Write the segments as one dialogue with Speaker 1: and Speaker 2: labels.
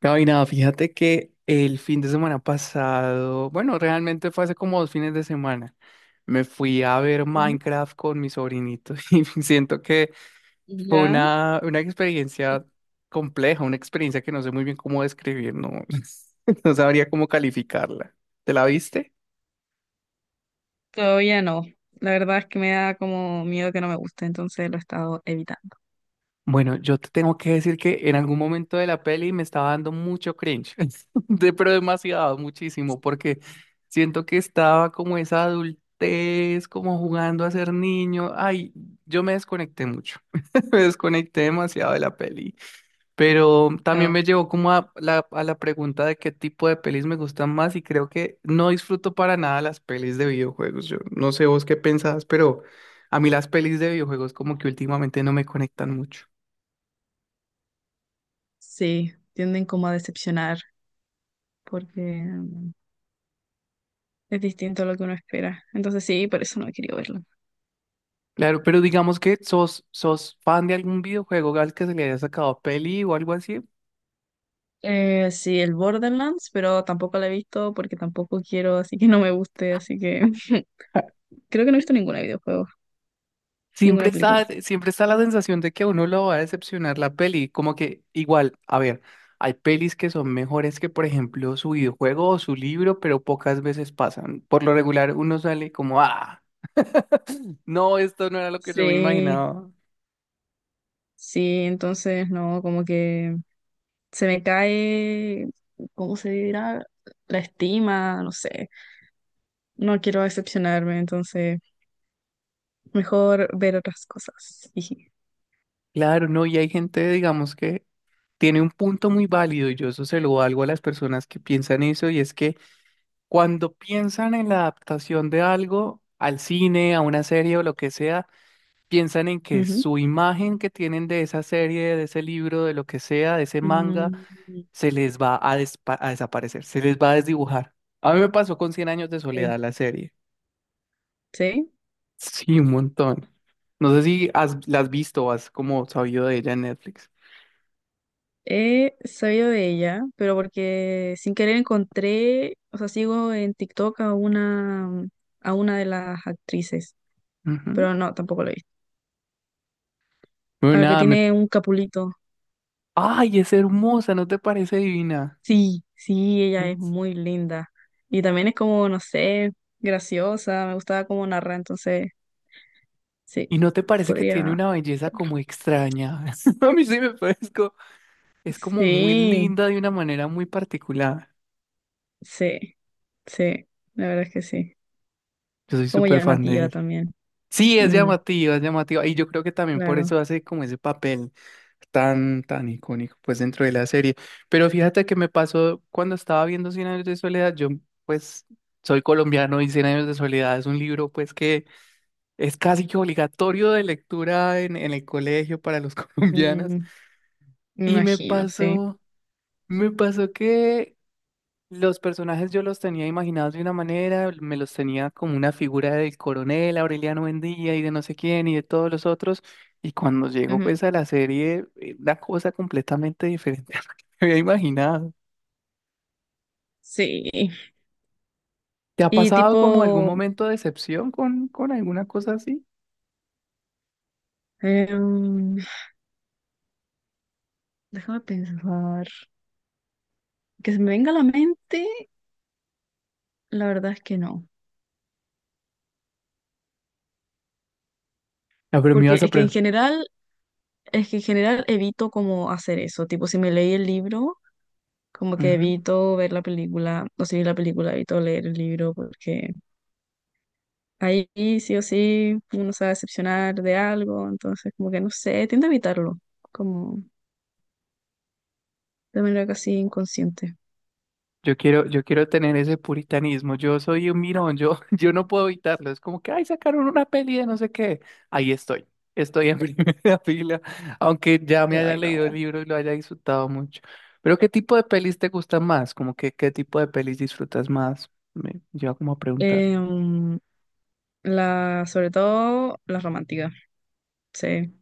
Speaker 1: Gaby, nada, fíjate que el fin de semana pasado, bueno, realmente fue hace como 2 fines de semana, me fui a ver
Speaker 2: Ujú.
Speaker 1: Minecraft con mi sobrinito y siento que fue
Speaker 2: Ya,
Speaker 1: una
Speaker 2: sí.
Speaker 1: experiencia compleja, una experiencia que no sé muy bien cómo describir, no, no sabría cómo calificarla. ¿Te la viste?
Speaker 2: Todavía no. La verdad es que me da como miedo que no me guste, entonces lo he estado evitando.
Speaker 1: Bueno, yo te tengo que decir que en algún momento de la peli me estaba dando mucho cringe, pero demasiado, muchísimo, porque siento que estaba como esa adultez, como jugando a ser niño. Ay, yo me desconecté mucho, me desconecté demasiado de la peli, pero también
Speaker 2: Oh,
Speaker 1: me llevó como a la pregunta de qué tipo de pelis me gustan más y creo que no disfruto para nada las pelis de videojuegos. Yo no sé vos qué pensás, pero a mí las pelis de videojuegos como que últimamente no me conectan mucho.
Speaker 2: sí, tienden como a decepcionar porque es distinto a lo que uno espera. Entonces sí, por eso no he querido verlo.
Speaker 1: Claro, pero digamos que sos fan de algún videojuego al que se le haya sacado peli o algo así.
Speaker 2: Sí, el Borderlands, pero tampoco lo he visto porque tampoco quiero, así que no me guste, así que creo que no he visto ninguna videojuego,
Speaker 1: Siempre
Speaker 2: ninguna
Speaker 1: está,
Speaker 2: película.
Speaker 1: siempre está la sensación de que a uno lo va a decepcionar la peli, como que igual, a ver, hay pelis que son mejores que, por ejemplo, su videojuego o su libro, pero pocas veces pasan. Por lo regular uno sale como, ah, no, esto no era lo que yo me
Speaker 2: Sí,
Speaker 1: imaginaba.
Speaker 2: sí, entonces no, como que se me cae, ¿cómo se dirá? La estima, no sé. No quiero decepcionarme, entonces mejor ver otras cosas. Jiji.
Speaker 1: Claro, no, y hay gente, digamos, que tiene un punto muy válido y yo eso se lo valgo a las personas que piensan eso y es que cuando piensan en la adaptación de algo al cine, a una serie o lo que sea, piensan en que
Speaker 2: Ujú.
Speaker 1: su imagen que tienen de esa serie, de ese libro, de lo que sea, de ese manga,
Speaker 2: Mm,
Speaker 1: se les va a, a desaparecer, se les va a desdibujar. A mí me pasó con Cien años de
Speaker 2: sí,
Speaker 1: soledad la serie.
Speaker 2: sí.
Speaker 1: Sí, un montón. No sé si la has visto o has como sabido de ella en Netflix.
Speaker 2: He sabido de ella, pero porque sin querer encontré, o sea, sigo en TikTok a una de las actrices,
Speaker 1: Ujú.
Speaker 2: pero no, tampoco lo he visto.
Speaker 1: Bueno,
Speaker 2: A la que
Speaker 1: nada, me...
Speaker 2: tiene un capulito.
Speaker 1: ¡Ay, es hermosa! ¿No te parece divina?
Speaker 2: Sí, sí, ella es muy linda. Y también es como, no sé, graciosa, me gustaba cómo narra, entonces, sí,
Speaker 1: ¿Y no te parece que tiene
Speaker 2: podría.
Speaker 1: una belleza como extraña? A mí sí me parece co- Es como muy
Speaker 2: Sí,
Speaker 1: linda de una manera muy particular.
Speaker 2: sí, sí, la verdad es que sí.
Speaker 1: Yo soy
Speaker 2: Como
Speaker 1: súper fan de
Speaker 2: llamativa
Speaker 1: ella.
Speaker 2: también.
Speaker 1: Sí, es
Speaker 2: Mm,
Speaker 1: llamativa, es llamativa. Y yo creo que también por
Speaker 2: claro.
Speaker 1: eso hace como ese papel tan, tan icónico, pues dentro de la serie. Pero fíjate que me pasó cuando estaba viendo Cien años de soledad. Yo, pues, soy colombiano y Cien años de soledad es un libro, pues, que es casi que obligatorio de lectura en el colegio para los colombianos.
Speaker 2: Mm, me
Speaker 1: Y me
Speaker 2: imagino, sí.
Speaker 1: pasó. Me pasó que los personajes yo los tenía imaginados de una manera, me los tenía como una figura del coronel Aureliano Buendía y de no sé quién y de todos los otros, y cuando llego
Speaker 2: Ujú.
Speaker 1: pues a la serie, una cosa completamente diferente a lo que me había imaginado.
Speaker 2: Sí,
Speaker 1: ¿Te ha
Speaker 2: y
Speaker 1: pasado como algún
Speaker 2: tipo,
Speaker 1: momento de decepción con alguna cosa así?
Speaker 2: em, déjame pensar, que se me venga a la mente, la verdad es que no.
Speaker 1: No, pero me
Speaker 2: porque
Speaker 1: ibas a
Speaker 2: es que en general Es que en general evito como hacer eso, tipo si me leí el libro, como que
Speaker 1: preguntar.
Speaker 2: evito ver la película, o si vi la película evito leer el libro porque ahí sí o sí uno se va a decepcionar de algo, entonces como que no sé, tiendo a evitarlo, como de manera casi inconsciente.
Speaker 1: Yo quiero tener ese puritanismo. Yo soy un mirón, yo, yo no puedo evitarlo. Es como que, ay, sacaron una peli de no sé qué. Ahí estoy. Estoy en primera fila, aunque ya me haya
Speaker 2: Ay,
Speaker 1: leído el
Speaker 2: no.
Speaker 1: libro y lo haya disfrutado mucho. Pero, ¿qué tipo de pelis te gustan más? Como que, ¿qué tipo de pelis disfrutas más? Me lleva como a preguntar.
Speaker 2: Em, sobre todo las románticas, sí.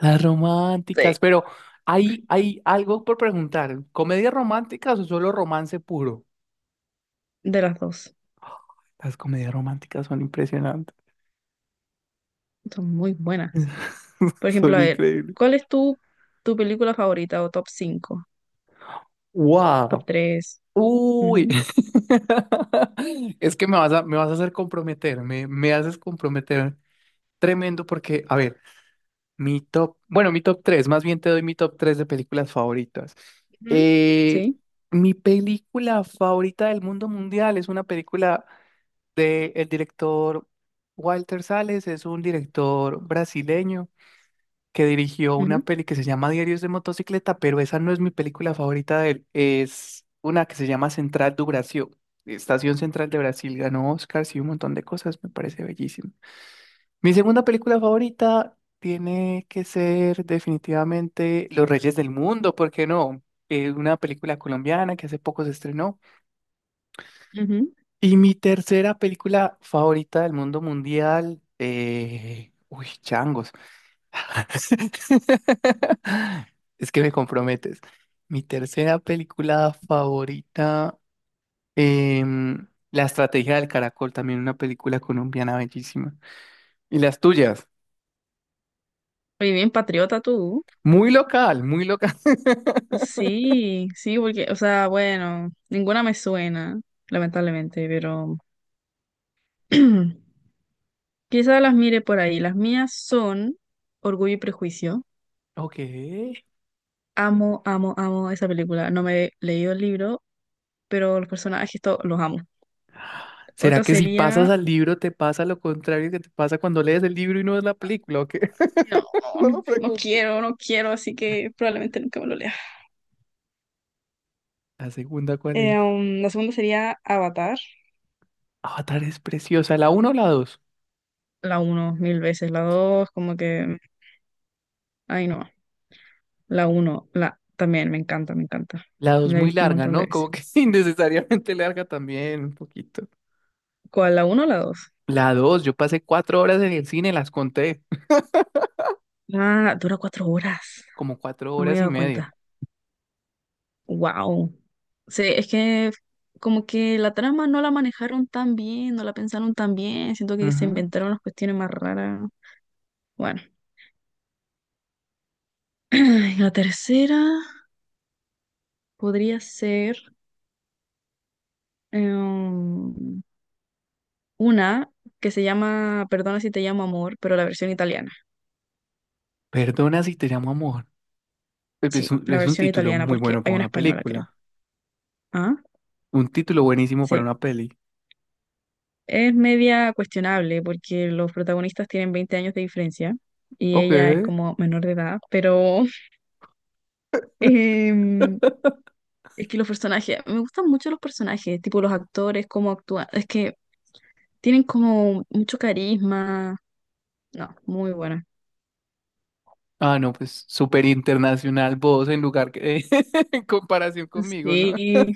Speaker 1: Las románticas,
Speaker 2: Sí.
Speaker 1: pero hay algo por preguntar. ¿Comedias románticas o solo romance puro?
Speaker 2: De las dos,
Speaker 1: Las comedias románticas son impresionantes.
Speaker 2: son muy buenas. Por ejemplo,
Speaker 1: Son
Speaker 2: a ver,
Speaker 1: increíbles.
Speaker 2: ¿cuál es tu película favorita o top 5? Top
Speaker 1: Wow.
Speaker 2: tres
Speaker 1: Uy.
Speaker 2: Ujú,
Speaker 1: Es que me vas a hacer comprometer, me haces comprometer tremendo porque, a ver, mi top, bueno, mi top 3, más bien te doy mi top 3 de películas favoritas.
Speaker 2: ujú,
Speaker 1: Eh,
Speaker 2: sí.
Speaker 1: mi película favorita del mundo mundial es una película de el director Walter Salles, es un director brasileño que dirigió una
Speaker 2: Ujú,
Speaker 1: peli que se llama Diarios de Motocicleta, pero esa no es mi película favorita de él. Es una que se llama Central do Brasil. Estación Central de Brasil ganó Oscars y un montón de cosas, me parece bellísimo. Mi segunda película favorita tiene que ser definitivamente Los Reyes del Mundo, ¿por qué no? Una película colombiana que hace poco se estrenó.
Speaker 2: ujú.
Speaker 1: Y mi tercera película favorita del mundo mundial, uy, changos. Es que me comprometes. Mi tercera película favorita, La estrategia del caracol, también una película colombiana bellísima. Y las tuyas,
Speaker 2: Muy bien, patriota tú.
Speaker 1: muy local, muy local.
Speaker 2: Sí, sí, porque, o sea, bueno, ninguna me suena, lamentablemente, pero quizás las mire por ahí. Las mías son Orgullo y Prejuicio.
Speaker 1: Ok.
Speaker 2: Amo, amo, amo esa película. No me he leído el libro, pero los personajes los amo.
Speaker 1: ¿Será
Speaker 2: Otra
Speaker 1: que si pasas
Speaker 2: sería,
Speaker 1: al libro te pasa lo contrario que te pasa cuando lees el libro y no ves la película? ¿O qué?
Speaker 2: no,
Speaker 1: No
Speaker 2: no,
Speaker 1: lo
Speaker 2: no
Speaker 1: pregunto.
Speaker 2: quiero, no quiero, así que probablemente nunca me lo lea.
Speaker 1: ¿La segunda cuál es?
Speaker 2: La segunda sería Avatar.
Speaker 1: Avatar es preciosa. ¿La uno o la dos?
Speaker 2: La uno mil veces, la dos como que, ay no, la uno la también me encanta, me encanta.
Speaker 1: La dos
Speaker 2: La he
Speaker 1: muy
Speaker 2: visto un
Speaker 1: larga,
Speaker 2: montón de
Speaker 1: ¿no?
Speaker 2: veces.
Speaker 1: Como que innecesariamente larga también, un poquito.
Speaker 2: ¿Cuál, la uno o la dos?
Speaker 1: La dos, yo pasé 4 horas en el cine, las conté,
Speaker 2: Ah, dura 4 horas,
Speaker 1: como cuatro
Speaker 2: no me
Speaker 1: horas
Speaker 2: había
Speaker 1: y
Speaker 2: dado
Speaker 1: media.
Speaker 2: cuenta. Wow. Sí, es que como que la trama no la manejaron tan bien, no la pensaron tan bien, siento que se
Speaker 1: Ujú.
Speaker 2: inventaron las cuestiones más raras. Bueno, y la tercera podría ser em, una que se llama Perdona si te llamo amor, pero la versión italiana.
Speaker 1: Perdona si te llamo amor. Es es
Speaker 2: Sí,
Speaker 1: un,
Speaker 2: la
Speaker 1: es un
Speaker 2: versión
Speaker 1: título
Speaker 2: italiana,
Speaker 1: muy
Speaker 2: porque
Speaker 1: bueno para
Speaker 2: hay una
Speaker 1: una
Speaker 2: española, creo.
Speaker 1: película.
Speaker 2: Ah,
Speaker 1: Un título buenísimo para
Speaker 2: sí.
Speaker 1: una peli.
Speaker 2: Es media cuestionable porque los protagonistas tienen 20 años de diferencia y
Speaker 1: Ok.
Speaker 2: ella es como menor de edad, pero em, es que los personajes, me gustan mucho los personajes, tipo los actores, cómo actúan, es que tienen como mucho carisma. No, muy buena.
Speaker 1: Ah, no, pues súper internacional vos en lugar que en comparación conmigo, ¿no?
Speaker 2: Sí,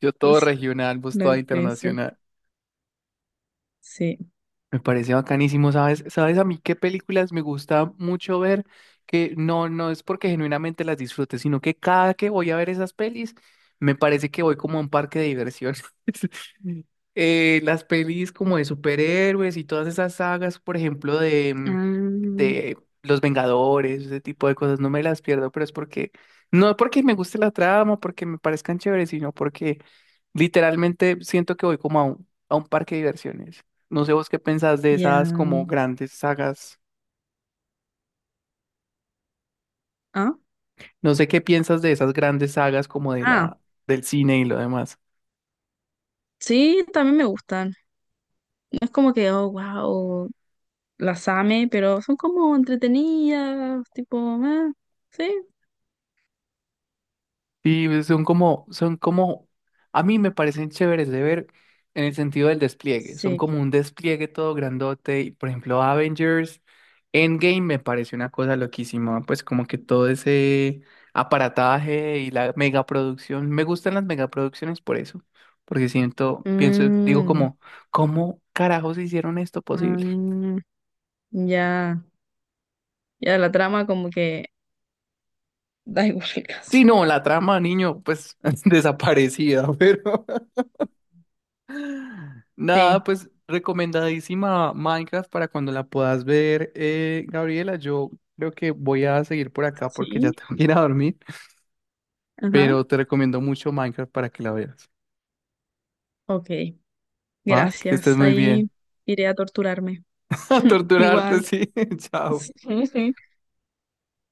Speaker 1: Yo todo
Speaker 2: es
Speaker 1: regional, vos
Speaker 2: la
Speaker 1: toda
Speaker 2: diferencia.
Speaker 1: internacional.
Speaker 2: Sí.
Speaker 1: Me parece bacanísimo, ¿sabes? ¿Sabes a mí qué películas me gusta mucho ver? Que no, no es porque genuinamente las disfrute, sino que cada que voy a ver esas pelis, me parece que voy como a un parque de diversiones. Las pelis como de superhéroes y todas esas sagas, por ejemplo,
Speaker 2: Ah,
Speaker 1: de Los Vengadores, ese tipo de cosas, no me las pierdo, pero es porque, no porque me guste la trama, porque me parezcan chéveres, sino porque literalmente siento que voy como a un parque de diversiones. No sé vos qué pensás de esas
Speaker 2: ya.
Speaker 1: como grandes sagas,
Speaker 2: Ah,
Speaker 1: no sé qué piensas de esas grandes sagas como de
Speaker 2: ah,
Speaker 1: la, del cine y lo demás.
Speaker 2: sí, también me gustan. No es como que, oh, wow. Las ame, pero son como entretenidas, tipo, ah, sí,
Speaker 1: Sí, pues, son como, a mí me parecen chéveres de ver en el sentido del despliegue. Son
Speaker 2: sí.
Speaker 1: como un despliegue todo grandote. Y, por ejemplo, Avengers Endgame me parece una cosa loquísima. Pues como que todo ese aparataje y la megaproducción. Me gustan las megaproducciones por eso. Porque siento, pienso, digo
Speaker 2: Mm,
Speaker 1: como, ¿cómo carajos hicieron esto posible?
Speaker 2: mm, ya, ya la trama como que da igual
Speaker 1: Sí,
Speaker 2: casi.
Speaker 1: no, la trama, niño, pues desaparecida, pero... Nada,
Speaker 2: Sí,
Speaker 1: pues recomendadísima Minecraft para cuando la puedas ver, Gabriela. Yo creo que voy a seguir por acá porque ya
Speaker 2: sí,
Speaker 1: tengo que ir a dormir,
Speaker 2: ajá,
Speaker 1: pero te recomiendo mucho Minecraft para que la veas.
Speaker 2: ok,
Speaker 1: ¿Va? Que estés
Speaker 2: gracias.
Speaker 1: muy
Speaker 2: Ahí
Speaker 1: bien.
Speaker 2: iré a torturarme.
Speaker 1: A torturarte,
Speaker 2: Igual.
Speaker 1: sí. Chao.